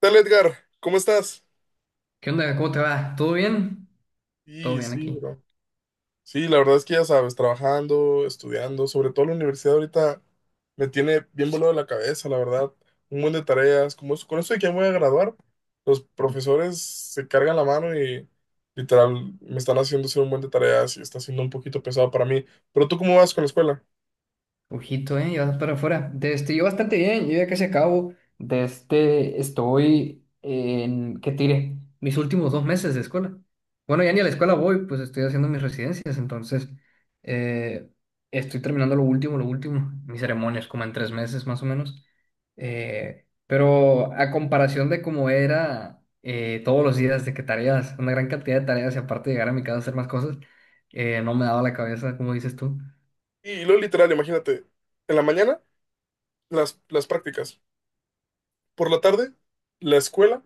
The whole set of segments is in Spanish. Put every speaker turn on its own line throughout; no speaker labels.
Tal, Edgar? ¿Cómo estás?
¿Qué onda? ¿Cómo te va? ¿Todo bien? Todo
Sí
bien
sí,
aquí.
bro. Sí, la verdad es que ya sabes, trabajando, estudiando, sobre todo la universidad ahorita me tiene bien volado la cabeza, la verdad. Un buen de tareas, como con eso de que ya me voy a graduar, los profesores se cargan la mano y literal me están haciendo hacer un buen de tareas y está siendo un poquito pesado para mí. Pero tú, ¿cómo vas con la escuela?
Ojito, ¿eh? Y vas para afuera. Yo bastante bien, yo ya casi acabo. Estoy en, ¿qué tiré? Mis últimos 2 meses de escuela. Bueno, ya ni a la escuela voy, pues estoy haciendo mis residencias, entonces eh, estoy terminando lo último, mis ceremonias, como en 3 meses más o menos. Pero a comparación de cómo era, todos los días, de que tareas, una gran cantidad de tareas y aparte llegar a mi casa a hacer más cosas, no me daba la cabeza, como dices tú.
Y luego, literal, imagínate, en la mañana las prácticas, por la tarde la escuela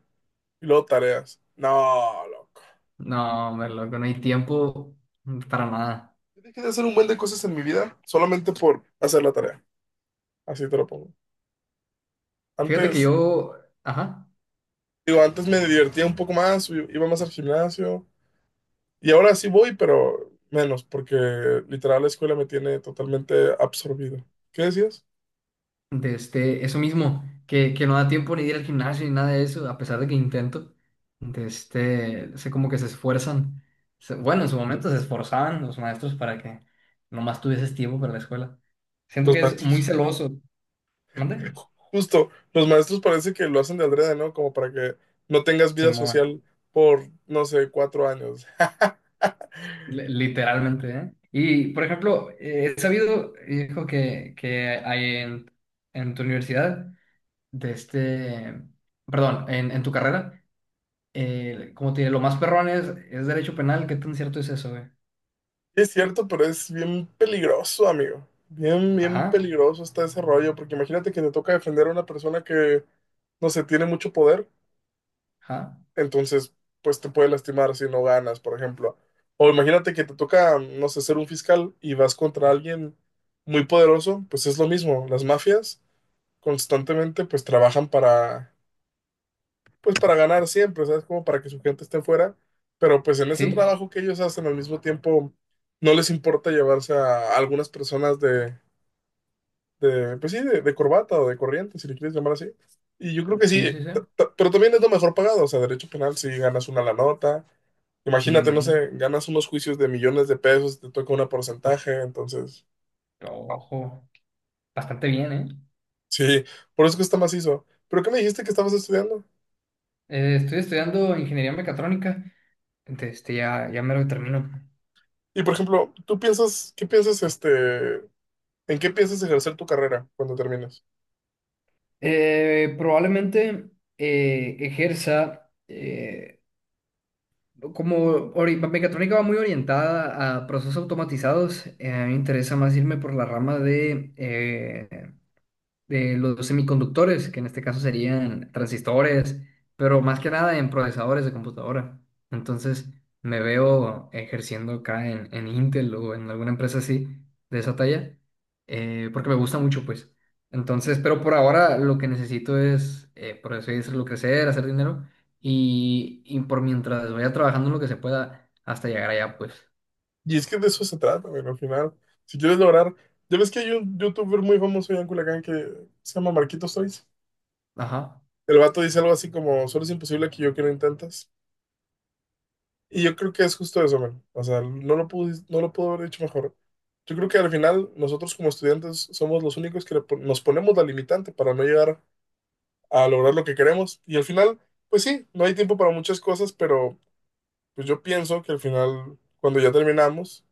y luego tareas. No, loco.
No, hombre, loco, no hay tiempo para nada.
Dejé de hacer un buen de cosas en mi vida solamente por hacer la tarea. Así te lo pongo.
Fíjate que
Antes,
yo, ajá,
digo, antes me divertía un poco más, iba más al gimnasio y ahora sí voy, pero menos, porque literal la escuela me tiene totalmente absorbido. ¿Qué decías?
eso mismo, que no da tiempo ni de ir al gimnasio ni nada de eso, a pesar de que intento, sé como que se esfuerzan. Bueno, en su momento se esforzaban los maestros para que nomás tuvieses tiempo para la escuela. Siento
Los
que es muy
maestros.
celoso. ¿Mande?
Justo, los maestros parece que lo hacen de adrede, ¿no? Como para que no tengas
Se
vida
mueve,
social por, no sé, 4 años.
literalmente, ¿eh? Y, por ejemplo, he sabido, hijo, que hay en, tu universidad. de este, perdón, en tu carrera, como te lo más perrón es derecho penal. ¿Qué tan cierto es eso, güey?
Es cierto, pero es bien peligroso, amigo. Bien, bien
Ajá,
peligroso está ese rollo, porque imagínate que te toca defender a una persona que, no sé, tiene mucho poder,
ajá,
entonces, pues te puede lastimar si no ganas, por ejemplo. O imagínate que te toca, no sé, ser un fiscal y vas contra alguien muy poderoso, pues es lo mismo. Las mafias constantemente, pues trabajan para pues para ganar siempre, ¿sabes? Como para que su gente esté fuera, pero pues en ese
sí,
trabajo que ellos hacen al mismo tiempo no les importa llevarse a algunas personas de pues sí, de corbata o de corriente, si le quieres llamar así. Y yo creo que sí,
sí, sí, sí,
pero también es lo mejor pagado, o sea, derecho penal si ganas una la nota.
sí, me
Imagínate, no
imagino.
sé, ganas unos juicios de millones de pesos, te toca un porcentaje, entonces,
Ojo, bastante bien, ¿eh?
sí, por eso que está macizo. ¿Pero qué me dijiste que estabas estudiando?
Estoy estudiando ingeniería mecatrónica, entonces ya me lo termino.
Y por ejemplo, ¿tú piensas, qué piensas ¿En qué piensas ejercer tu carrera cuando termines?
Probablemente ejerza, como mecatrónica va muy orientada a procesos automatizados. A mí me interesa más irme por la rama de los semiconductores, que en este caso serían transistores, pero más que nada en procesadores de computadora. Entonces, me veo ejerciendo acá en Intel o en alguna empresa así, de esa talla, porque me gusta mucho, pues. Entonces, pero por ahora lo que necesito es, por así decirlo, crecer, hacer dinero y por mientras vaya trabajando lo que se pueda hasta llegar allá, pues.
Y es que de eso se trata, bueno, al final. Si quieres lograr. Ya ves que hay un youtuber muy famoso allá en Culiacán que se llama Marquitos Toys.
Ajá.
El vato dice algo así como: Solo es imposible que yo que lo intentas. Y yo creo que es justo eso, man. O sea, no lo pude, no lo pudo haber hecho mejor. Yo creo que al final, nosotros como estudiantes somos los únicos que nos ponemos la limitante para no llegar a lograr lo que queremos. Y al final, pues sí, no hay tiempo para muchas cosas, pero pues yo pienso que al final, cuando ya terminamos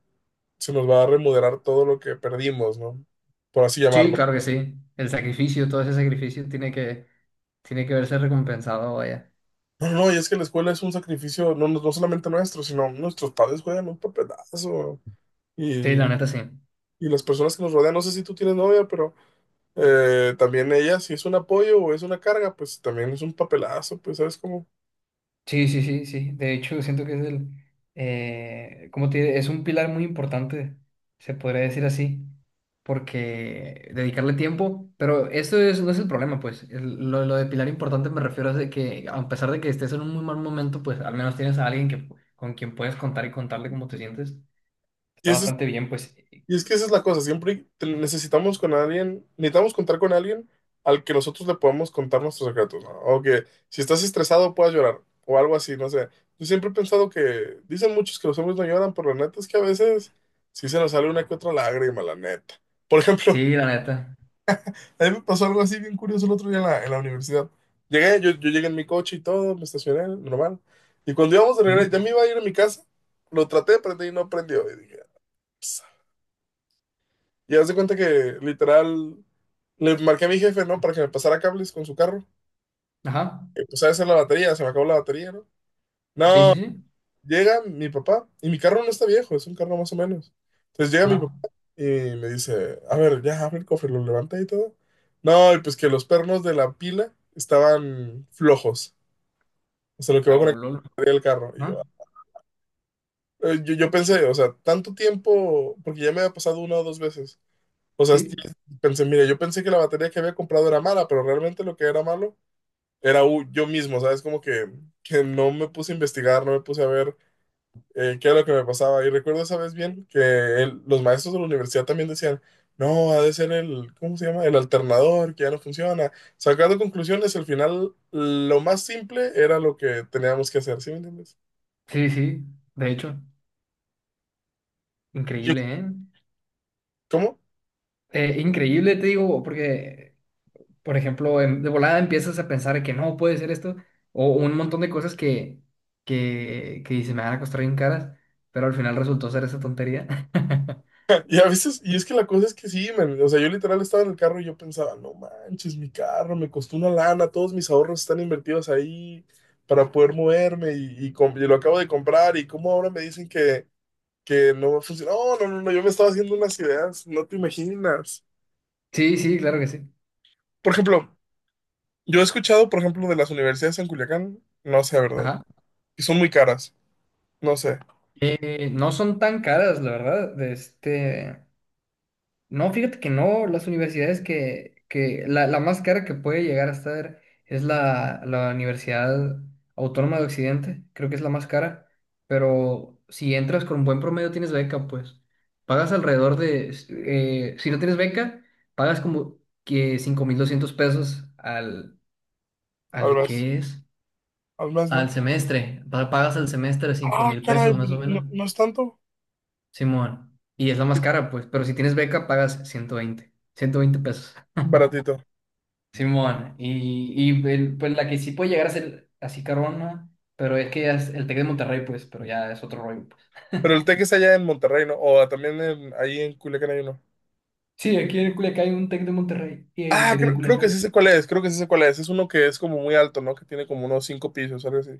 se nos va a remodelar todo lo que perdimos, ¿no? Por así
Sí,
llamarlo.
claro que sí. El sacrificio, todo ese sacrificio tiene que, tiene que verse recompensado, vaya.
No, no, no, y es que la escuela es un sacrificio, no, no solamente nuestro, sino nuestros padres juegan un papelazo.
Sí,
Y,
la neta sí.
y las personas que nos rodean, no sé si tú tienes novia, pero también ella, si es un apoyo o es una carga, pues también es un papelazo, pues, ¿sabes cómo?
Sí, sí, sí, sí. De hecho, siento que es como te diré, es un pilar muy importante, se podría decir así, porque dedicarle tiempo, pero esto es, no es el problema, pues. Lo de pilar importante me refiero a de que, a pesar de que estés en un muy mal momento, pues al menos tienes a alguien que, con quien puedes contar y contarle cómo te sientes.
Y
Está
ese
bastante bien, pues.
Y es que esa es la cosa, siempre necesitamos con alguien, necesitamos contar con alguien al que nosotros le podamos contar nuestros secretos, ¿no? O que si estás estresado puedas llorar, o algo así, no sé. Yo siempre he pensado que, dicen muchos que los hombres no lloran, pero la neta es que a veces sí se nos sale una que otra lágrima, la neta. Por ejemplo,
Sí, la neta.
a mí me pasó algo así bien curioso el otro día en la universidad. Llegué, yo llegué en mi coche y todo, me estacioné, normal. Y cuando íbamos de regreso,
Ujú.
ya me iba a ir a mi casa, lo traté de prender y no prendió. Y dije, Y haz de cuenta que literal le marqué a mi jefe, ¿no? Para que me pasara cables con su carro.
Ajá.
Empecé a hacer la batería, se me acabó la batería, ¿no?
Sí,
No,
sí, sí.
llega mi papá y mi carro no está viejo, es un carro más o menos. Entonces llega mi
Ajá.
papá y me dice, a ver, ya abre el cofre, lo levanta y todo. No, y pues que los pernos de la pila estaban flojos, o sea, lo que va
Ah,
con la
oh, lol.
batería del carro. Y
Ajá.
yo, yo pensé, o sea, tanto tiempo, porque ya me había pasado una o dos veces. O sea, sí,
Sí.
pensé, mira, yo pensé que la batería que había comprado era mala, pero realmente lo que era malo era yo mismo, ¿sabes? Como que no me puse a investigar, no me puse a ver qué era lo que me pasaba. Y recuerdo esa vez bien que los maestros de la universidad también decían, no, ha de ser el, ¿cómo se llama? El alternador, que ya no funciona. Sacando conclusiones, al final lo más simple era lo que teníamos que hacer, ¿sí me entiendes?
Sí, sí, de hecho,
Yo-
increíble, ¿eh?
¿Cómo?
Increíble, te digo, porque, por ejemplo, de volada empiezas a pensar que no puede ser esto, o un montón de cosas que, que se me van a costar bien caras, pero al final resultó ser esa tontería.
Y a veces, y es que la cosa es que sí, man, o sea, yo literal estaba en el carro y yo pensaba, no manches, mi carro me costó una lana, todos mis ahorros están invertidos ahí para poder moverme y y lo acabo de comprar y cómo ahora me dicen que no va a funcionar. No, no, no, no, yo me estaba haciendo unas ideas, no te imaginas.
Sí, sí, claro que sí.
Por ejemplo, yo he escuchado, por ejemplo, de las universidades en Culiacán, no sé, ¿verdad?
Ajá.
Y son muy caras, no sé,
No son tan caras, la verdad, no, fíjate que no, las universidades que la, la, más cara que puede llegar a estar es la Universidad Autónoma de Occidente, creo que es la más cara, pero si entras con buen promedio tienes beca, pues pagas alrededor de, si no tienes beca, pagas como que 5200 pesos al,
al
al
mes, al mes
al
no.
semestre, pagas al semestre cinco
Ah,
mil
caray,
pesos
pues,
más o
no,
menos.
no es tanto,
Simón, y es la más cara, pues, pero si tienes beca pagas ciento veinte pesos.
baratito.
Simón, y pues la que sí puede llegar a ser así carona, pero es que ya es el Tec de Monterrey, pues, pero ya es otro rollo, pues.
Pero el Tec es allá en Monterrey, ¿no? O también ahí en Culiacán hay uno.
Sí, aquí en Culiacán hay un Tec de Monterrey y hay un
Ah,
Tec de
creo que
Culiacán.
sí sé cuál es, creo que sí sé cuál es. Es uno que es como muy alto, ¿no? Que tiene como unos cinco pisos, algo así.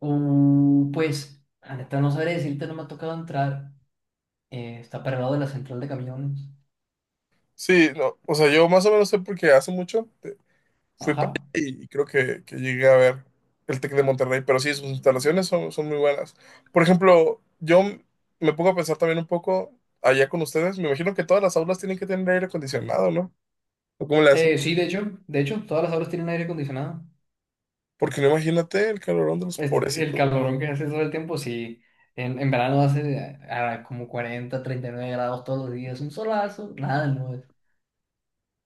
Pues, la neta no sabré decirte, no me ha tocado entrar. Está para el lado de la central de camiones.
Sí, no, o sea, yo más o menos sé porque hace mucho fui para
Ajá.
allá y creo que llegué a ver el Tec de Monterrey, pero sí, sus instalaciones son, son muy buenas. Por ejemplo, me pongo a pensar también un poco allá con ustedes. Me imagino que todas las aulas tienen que tener aire acondicionado, ¿no? ¿O cómo le
Eh,
hacen?
sí, de hecho, todas las aulas tienen aire acondicionado.
Porque no imagínate el calorón de los
El
pobrecitos.
calorón que hace todo el tiempo, sí. en, verano hace como 40, 39 grados todos los días, un solazo, nada, no.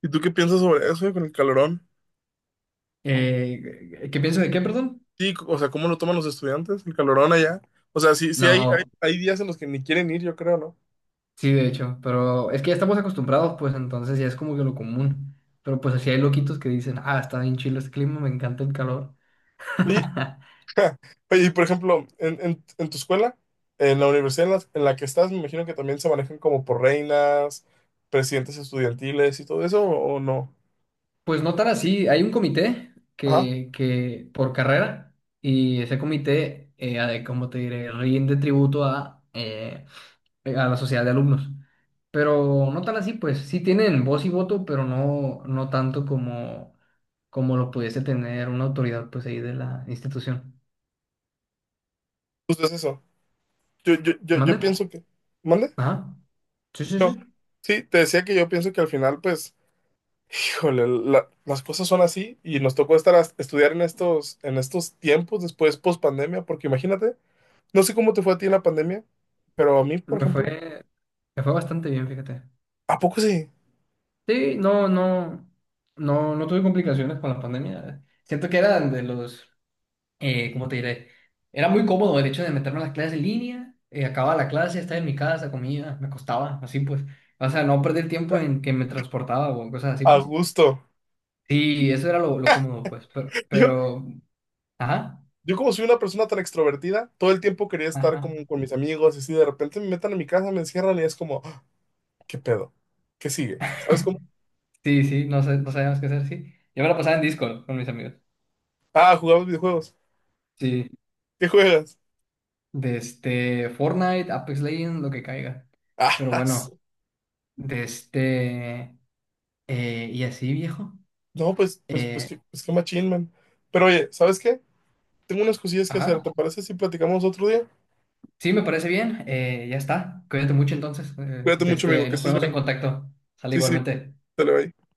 ¿Y tú qué piensas sobre eso, con el calorón?
¿Qué pienso de qué, perdón?
Sí, o sea, ¿cómo lo toman los estudiantes, el calorón allá? O sea, sí, sí hay,
No,
hay, hay días en los que ni quieren ir, yo creo, ¿no?
sí, de hecho, pero es que ya estamos acostumbrados, pues entonces ya es como que lo común. Pero pues así hay loquitos que dicen: "Ah, está bien chido este clima, me encanta el calor".
Oye, oye, y por ejemplo, en tu escuela, en la universidad en la que estás, me imagino que también se manejan como por reinas, presidentes estudiantiles y todo eso, o no?
Pues no tan así, hay un comité
Ajá,
que por carrera y ese comité, ¿cómo te diré? Rinde tributo a la sociedad de alumnos. Pero no tan así, pues sí tienen voz y voto, pero no, no tanto como lo pudiese tener una autoridad pues ahí de la institución.
justo es eso. Yo, yo, yo,
¿Mande?
yo pienso que... ¿Mande?
Ajá. Sí, sí,
No.
sí.
Sí, te decía que yo pienso que al final, pues... Híjole, las cosas son así y nos tocó estar a estudiar en estos tiempos después post pandemia, porque imagínate, no sé cómo te fue a ti en la pandemia, pero a mí, por
Me
ejemplo,
fue, me fue bastante bien, fíjate.
¿a poco sí?
Sí, no, no, no, no tuve complicaciones con la pandemia. Siento que eran de los, ¿cómo te diré? Era muy cómodo el hecho de meterme a las clases en línea, acababa la clase, estaba en mi casa, comía, me acostaba, así pues. O sea, no perder tiempo en que me transportaba o cosas así,
A
pues.
gusto.
Sí, eso era lo cómodo, pues.
Yo,
Ajá,
yo como soy una persona tan extrovertida, todo el tiempo quería estar
ajá.
como con mis amigos y así de repente me metan en mi casa, me encierran y es como, "Ah, ¿qué pedo? ¿Qué sigue? ¿Sabes cómo?
Sí, sí, no sé, no sabíamos qué hacer, sí. Yo me la pasaba en Discord con mis amigos.
Ah, jugamos videojuegos.
Sí,
¿Qué juegas?
desde Fortnite, Apex Legends, lo que caiga. Pero
Ah,
bueno,
su-
desde... y así, viejo.
no, pues, pues, pues,
Eh,
qué, pues qué machín, man. Pero oye, ¿sabes qué? Tengo unas cosillas que hacer, ¿te
ajá.
parece si platicamos otro día?
Sí, me parece bien. Ya está. Cuídate mucho entonces. Eh,
Cuídate
de
mucho,
este,
amigo,
ahí
que
nos
estés
ponemos en
bien.
contacto. Sale
Sí, sí,
igualmente.
dale, bye.